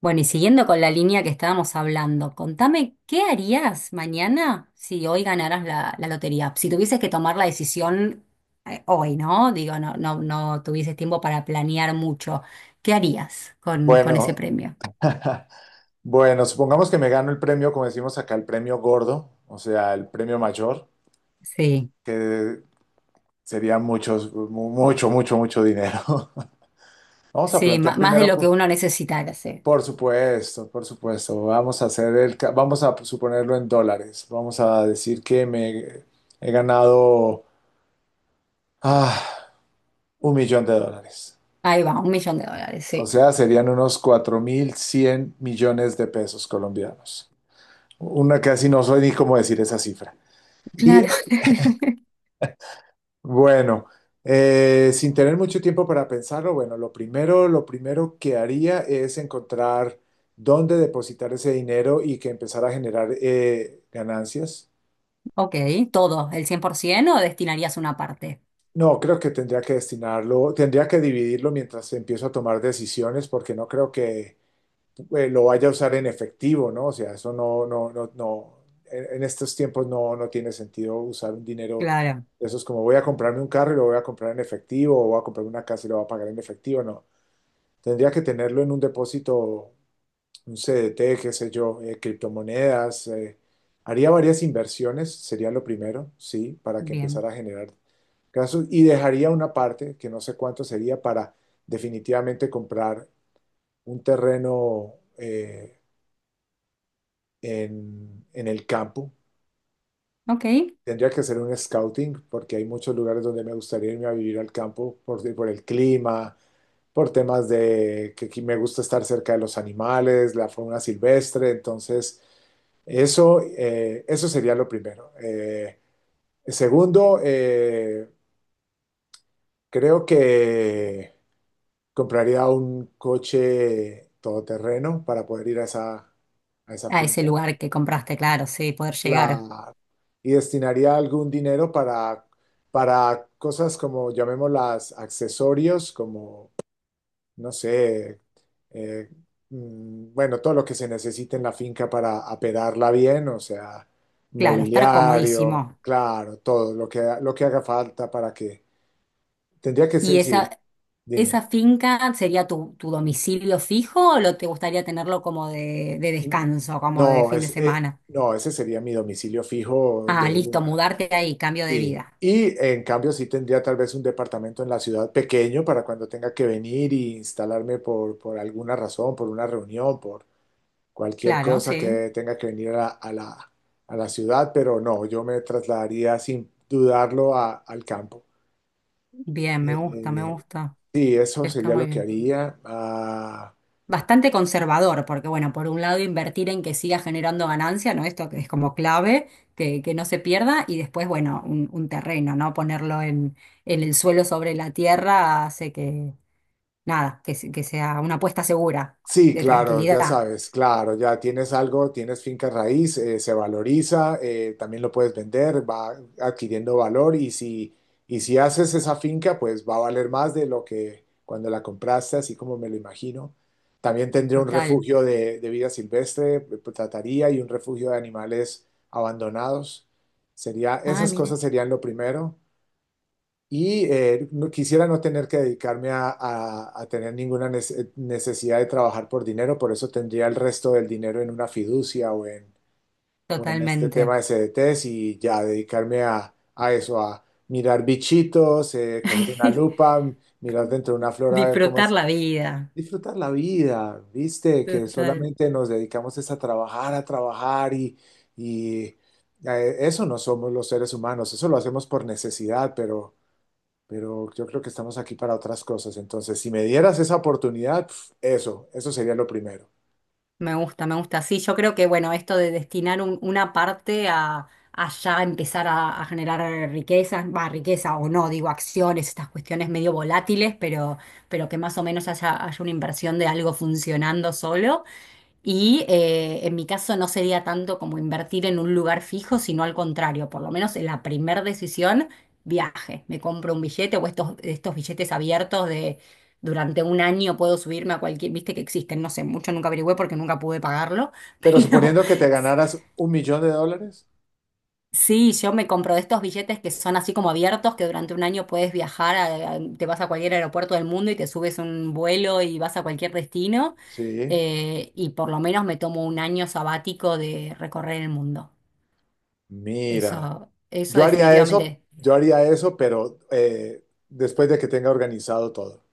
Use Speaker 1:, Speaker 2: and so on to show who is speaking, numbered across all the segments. Speaker 1: Bueno, y siguiendo con la línea que estábamos hablando, contame, ¿qué harías mañana si hoy ganaras la lotería? Si tuvieses que tomar la decisión hoy, ¿no? Digo, no tuvieses tiempo para planear mucho. ¿Qué harías con ese
Speaker 2: Bueno,
Speaker 1: premio?
Speaker 2: bueno, supongamos que me gano el premio, como decimos acá, el premio gordo, o sea, el premio mayor,
Speaker 1: Sí,
Speaker 2: que sería muchos, mucho, mucho, mucho dinero. Vamos a plantear
Speaker 1: más de
Speaker 2: primero,
Speaker 1: lo que uno necesitara, sí.
Speaker 2: por supuesto, vamos a hacer vamos a suponerlo en dólares. Vamos a decir que me he ganado ah, un millón de dólares.
Speaker 1: Ahí va, un millón de dólares,
Speaker 2: O
Speaker 1: sí.
Speaker 2: sea, serían unos 4.100 millones de pesos colombianos. Una casi no soy ni cómo decir esa cifra. Y
Speaker 1: Claro.
Speaker 2: bueno, sin tener mucho tiempo para pensarlo, bueno, lo primero que haría es encontrar dónde depositar ese dinero y que empezar a generar ganancias.
Speaker 1: Ok, todo, el 100% o destinarías una parte.
Speaker 2: No, creo que tendría que destinarlo, tendría que dividirlo mientras empiezo a tomar decisiones, porque no creo que lo vaya a usar en efectivo, ¿no? O sea, eso no, no, no, no, en estos tiempos no, no tiene sentido usar un dinero.
Speaker 1: Claro.
Speaker 2: Eso es como voy a comprarme un carro y lo voy a comprar en efectivo, o voy a comprar una casa y lo voy a pagar en efectivo. No, tendría que tenerlo en un depósito, un CDT, qué sé yo, criptomonedas. Haría varias inversiones, sería lo primero, sí, para que
Speaker 1: Bien.
Speaker 2: empezara a generar casos. Y dejaría una parte, que no sé cuánto sería, para definitivamente comprar un terreno, en el campo.
Speaker 1: Ok.
Speaker 2: Tendría que hacer un scouting porque hay muchos lugares donde me gustaría irme a vivir al campo por el clima, por temas de que aquí me gusta estar cerca de los animales, la fauna silvestre. Entonces, eso, eso sería lo primero. Segundo, creo que compraría un coche todoterreno para poder ir a esa
Speaker 1: A ese
Speaker 2: finca.
Speaker 1: lugar que compraste, claro, sí, poder llegar.
Speaker 2: Claro. Y destinaría algún dinero para cosas como, llamémoslas, accesorios, como, no sé, eh, bueno, todo lo que se necesite en la finca para apedarla bien, o sea,
Speaker 1: Claro, estar
Speaker 2: mobiliario,
Speaker 1: comodísimo.
Speaker 2: claro, todo lo que haga falta para que... Tendría que
Speaker 1: ¿Y
Speaker 2: ser, sí,
Speaker 1: esa
Speaker 2: dime.
Speaker 1: finca sería tu domicilio fijo o lo te gustaría tenerlo como de descanso, como de
Speaker 2: No,
Speaker 1: fin de
Speaker 2: es,
Speaker 1: semana?
Speaker 2: no, ese sería mi domicilio fijo
Speaker 1: Ah,
Speaker 2: de
Speaker 1: listo,
Speaker 2: una.
Speaker 1: mudarte ahí, cambio de
Speaker 2: Sí,
Speaker 1: vida.
Speaker 2: y en cambio sí tendría tal vez un departamento en la ciudad pequeño para cuando tenga que venir y instalarme por alguna razón, por una reunión, por cualquier
Speaker 1: Claro,
Speaker 2: cosa
Speaker 1: sí.
Speaker 2: que tenga que venir a la, a la, a la ciudad, pero no, yo me trasladaría sin dudarlo al campo.
Speaker 1: Bien, me gusta, me
Speaker 2: Eh,
Speaker 1: gusta.
Speaker 2: sí, eso
Speaker 1: Está
Speaker 2: sería lo
Speaker 1: muy
Speaker 2: que
Speaker 1: bien.
Speaker 2: haría. Ah,
Speaker 1: Bastante conservador, porque bueno, por un lado invertir en que siga generando ganancia, ¿no? Esto que es como clave, que no se pierda, y después, bueno, un terreno, ¿no? Ponerlo en el suelo sobre la tierra hace que nada, que sea una apuesta segura,
Speaker 2: sí,
Speaker 1: de
Speaker 2: claro, ya
Speaker 1: tranquilidad.
Speaker 2: sabes, claro, ya tienes algo, tienes finca raíz, se valoriza, también lo puedes vender, va adquiriendo valor y si haces esa finca, pues va a valer más de lo que cuando la compraste, así como me lo imagino. También tendría un
Speaker 1: Total.
Speaker 2: refugio de vida silvestre, pues, trataría y un refugio de animales abandonados. Sería,
Speaker 1: Ah,
Speaker 2: esas
Speaker 1: mire,
Speaker 2: cosas serían lo primero. Y quisiera no tener que dedicarme a, a tener ninguna necesidad de trabajar por dinero, por eso tendría el resto del dinero en una fiducia o en este tema
Speaker 1: totalmente.
Speaker 2: de CDTs y ya dedicarme a eso, a mirar bichitos, coger una lupa, mirar dentro de una flor a ver cómo
Speaker 1: Disfrutar
Speaker 2: es.
Speaker 1: la vida.
Speaker 2: Disfrutar la vida, ¿viste? Que
Speaker 1: Total.
Speaker 2: solamente nos dedicamos es a trabajar y eso no somos los seres humanos, eso lo hacemos por necesidad, pero yo creo que estamos aquí para otras cosas. Entonces, si me dieras esa oportunidad, pf, eso sería lo primero.
Speaker 1: Me gusta, me gusta. Sí, yo creo que, bueno, esto de destinar una parte a ya empezar a generar riquezas, va, riqueza o no, digo, acciones, estas cuestiones medio volátiles, pero que más o menos haya, haya una inversión de algo funcionando solo. Y en mi caso no sería tanto como invertir en un lugar fijo, sino al contrario, por lo menos en la primera decisión, viaje. Me compro un billete o estos billetes abiertos de durante un año puedo subirme a cualquier, viste que existen, no sé, mucho nunca averigüé porque nunca pude pagarlo,
Speaker 2: Pero
Speaker 1: pero
Speaker 2: suponiendo que te ganaras un millón de dólares,
Speaker 1: sí, yo me compro de estos billetes que son así como abiertos, que durante un año puedes viajar, te vas a cualquier aeropuerto del mundo y te subes un vuelo y vas a cualquier destino.
Speaker 2: sí,
Speaker 1: Y por lo menos me tomo un año sabático de recorrer el mundo.
Speaker 2: mira,
Speaker 1: Eso definitivamente.
Speaker 2: yo haría eso, pero después de que tenga organizado todo.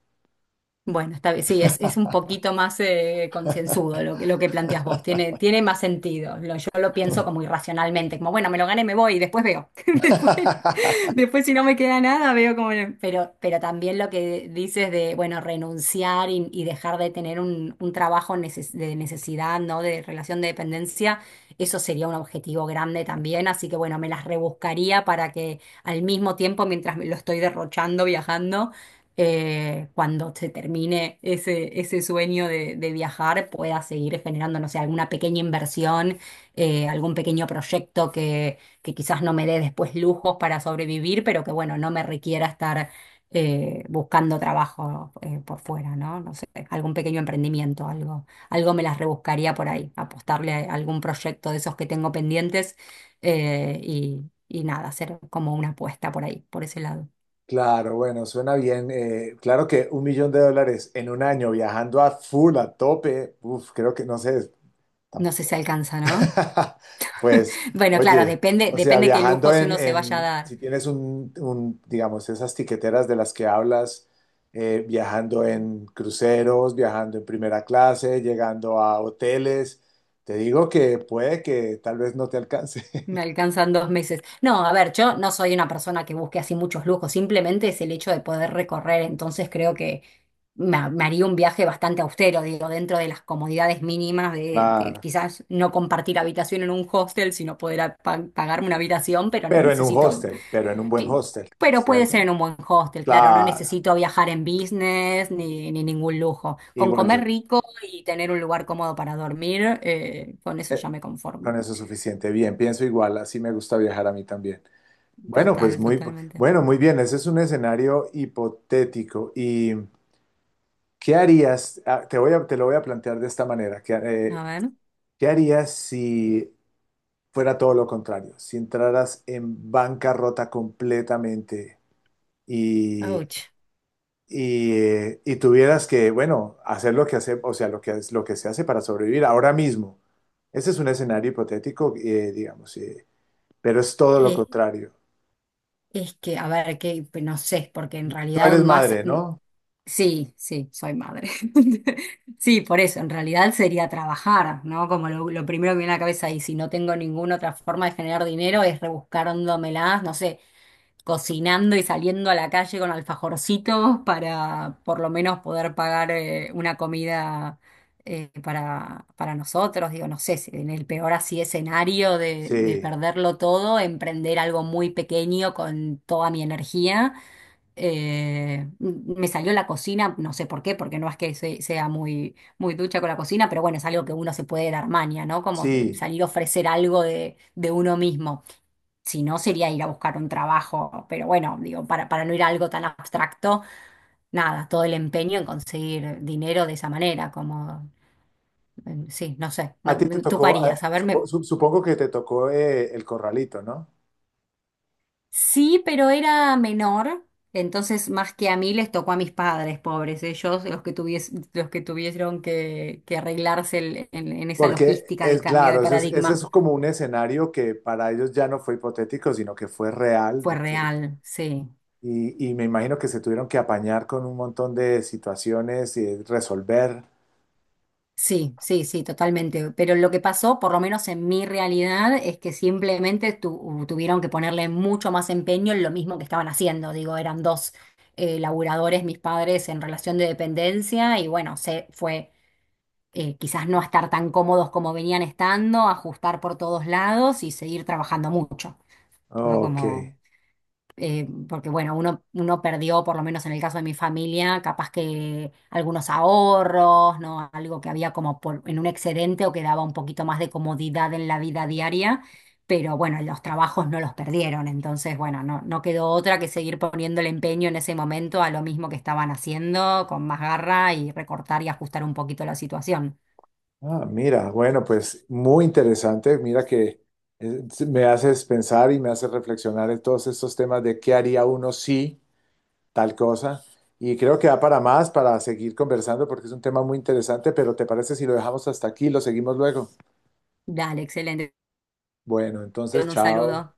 Speaker 1: Bueno, está bien. Sí, es un poquito más concienzudo lo que planteas vos. Tiene, tiene más sentido. Lo- yo lo pienso como irracionalmente, como bueno, me lo gané, me voy y después veo. Después, si no me queda nada, veo como. No. Pero también lo que dices de, bueno, renunciar y dejar de tener un trabajo de necesidad, ¿no? De relación de dependencia, eso sería un objetivo grande también. Así que, bueno, me las rebuscaría para que al mismo tiempo, mientras me lo estoy derrochando viajando, cuando se termine ese sueño de viajar, pueda seguir generando, no sé, alguna pequeña inversión, algún pequeño proyecto que quizás no me dé después lujos para sobrevivir, pero que bueno, no me requiera estar buscando trabajo por fuera, ¿no? No sé, algún pequeño emprendimiento, algo, algo me las rebuscaría por ahí, apostarle a algún proyecto de esos que tengo pendientes y nada, hacer como una apuesta por ahí, por ese lado.
Speaker 2: Claro, bueno, suena bien. Claro que un millón de dólares en un año viajando a full, a tope, uf, creo que no sé,
Speaker 1: No sé si
Speaker 2: tampoco.
Speaker 1: alcanza, ¿no?
Speaker 2: Pues,
Speaker 1: Bueno, claro,
Speaker 2: oye,
Speaker 1: depende,
Speaker 2: o sea,
Speaker 1: depende qué
Speaker 2: viajando
Speaker 1: lujos
Speaker 2: en,
Speaker 1: uno se vaya a
Speaker 2: si
Speaker 1: dar.
Speaker 2: tienes un, digamos, esas tiqueteras de las que hablas, viajando en cruceros, viajando en primera clase, llegando a hoteles, te digo que puede que tal vez no te alcance.
Speaker 1: Me alcanzan dos meses. No, a ver, yo no soy una persona que busque así muchos lujos, simplemente es el hecho de poder recorrer, entonces creo que me haría un viaje bastante austero, digo, dentro de las comodidades mínimas de
Speaker 2: Claro.
Speaker 1: quizás no compartir habitación en un hostel, sino poder pagarme una habitación, pero no
Speaker 2: Pero en un
Speaker 1: necesito,
Speaker 2: hostel, pero en un buen
Speaker 1: que-
Speaker 2: hostel,
Speaker 1: pero puede
Speaker 2: ¿cierto?
Speaker 1: ser en un buen hostel, claro, no
Speaker 2: Claro.
Speaker 1: necesito viajar en business ni, ni ningún lujo. Con
Speaker 2: Igual
Speaker 1: comer
Speaker 2: yo,
Speaker 1: rico y tener un lugar cómodo para dormir, con eso ya me conformo.
Speaker 2: con eso es suficiente. Bien, pienso igual, así me gusta viajar a mí también. Bueno, pues
Speaker 1: Total,
Speaker 2: muy,
Speaker 1: totalmente.
Speaker 2: bueno, muy bien. Ese es un escenario hipotético. ¿Y qué harías? Ah, te voy a, te lo voy a plantear de esta manera. ¿Qué,
Speaker 1: A ver,
Speaker 2: qué harías si fuera todo lo contrario? Si entraras en bancarrota completamente y,
Speaker 1: ouch.
Speaker 2: y tuvieras que, bueno, hacer lo que hace, o sea, lo que, lo que se hace para sobrevivir ahora mismo. Ese es un escenario hipotético, digamos, pero es todo lo
Speaker 1: Eh,
Speaker 2: contrario.
Speaker 1: es que, a ver, que pues, no sé, porque en
Speaker 2: Tú
Speaker 1: realidad
Speaker 2: eres
Speaker 1: más,
Speaker 2: madre, ¿no?
Speaker 1: sí, sí, soy madre. Sí, por eso, en realidad sería trabajar, ¿no? Como lo primero que me viene a la cabeza y si no tengo ninguna otra forma de generar dinero es rebuscándomelas, no sé, cocinando y saliendo a la calle con alfajorcitos para por lo menos poder pagar una comida para nosotros. Digo, no sé, si en el peor así escenario de
Speaker 2: Sí,
Speaker 1: perderlo todo, emprender algo muy pequeño con toda mi energía. Me salió la cocina, no sé por qué, porque no es que sea muy, muy ducha con la cocina, pero bueno, es algo que uno se puede dar maña, ¿no? Como
Speaker 2: sí.
Speaker 1: salir a ofrecer algo de uno mismo. Si no, sería ir a buscar un trabajo, pero bueno, digo, para no ir a algo tan abstracto, nada, todo el empeño en conseguir dinero de esa manera, como, sí, no sé,
Speaker 2: A
Speaker 1: no,
Speaker 2: ti te
Speaker 1: mm, ¿tú qué
Speaker 2: tocó,
Speaker 1: harías? A ver, me-
Speaker 2: supongo que te tocó el corralito, ¿no?
Speaker 1: sí, pero era menor, entonces más que a mí les tocó a mis padres, pobres, ellos, los que tuvies, los que tuvieron que arreglarse el- en esa
Speaker 2: Porque
Speaker 1: logística de
Speaker 2: es
Speaker 1: cambio
Speaker 2: claro,
Speaker 1: de
Speaker 2: ese
Speaker 1: paradigma,
Speaker 2: es como un escenario que para ellos ya no fue hipotético, sino que fue real,
Speaker 1: fue
Speaker 2: ¿no es cierto?
Speaker 1: real, sí.
Speaker 2: Y me imagino que se tuvieron que apañar con un montón de situaciones y resolver.
Speaker 1: Sí, sí, sí, totalmente. Pero lo que pasó, por lo menos en mi realidad, es que simplemente tuvieron que ponerle mucho más empeño en lo mismo que estaban haciendo. Digo, eran dos laburadores, mis padres, en relación de dependencia y bueno, se fue quizás no a estar tan cómodos como venían estando, ajustar por todos lados y seguir trabajando mucho, ¿no?
Speaker 2: Ok.
Speaker 1: Como porque bueno, uno perdió, por lo menos en el caso de mi familia, capaz que algunos ahorros, ¿no? Algo que había como por- en un excedente o que daba un poquito más de comodidad en la vida diaria, pero bueno, los trabajos no los perdieron, entonces bueno, no, no quedó otra que seguir poniendo el empeño en ese momento a lo mismo que estaban haciendo, con más garra y recortar y ajustar un poquito la situación.
Speaker 2: Ah, mira, bueno, pues muy interesante. Mira que me haces pensar y me haces reflexionar en todos estos temas de qué haría uno si. Tal cosa. Y creo que da para más, para seguir conversando, porque es un tema muy interesante, pero ¿te parece si lo dejamos hasta aquí y lo seguimos luego?
Speaker 1: Dale, excelente.
Speaker 2: Bueno,
Speaker 1: Te
Speaker 2: entonces,
Speaker 1: mando un
Speaker 2: chao.
Speaker 1: saludo.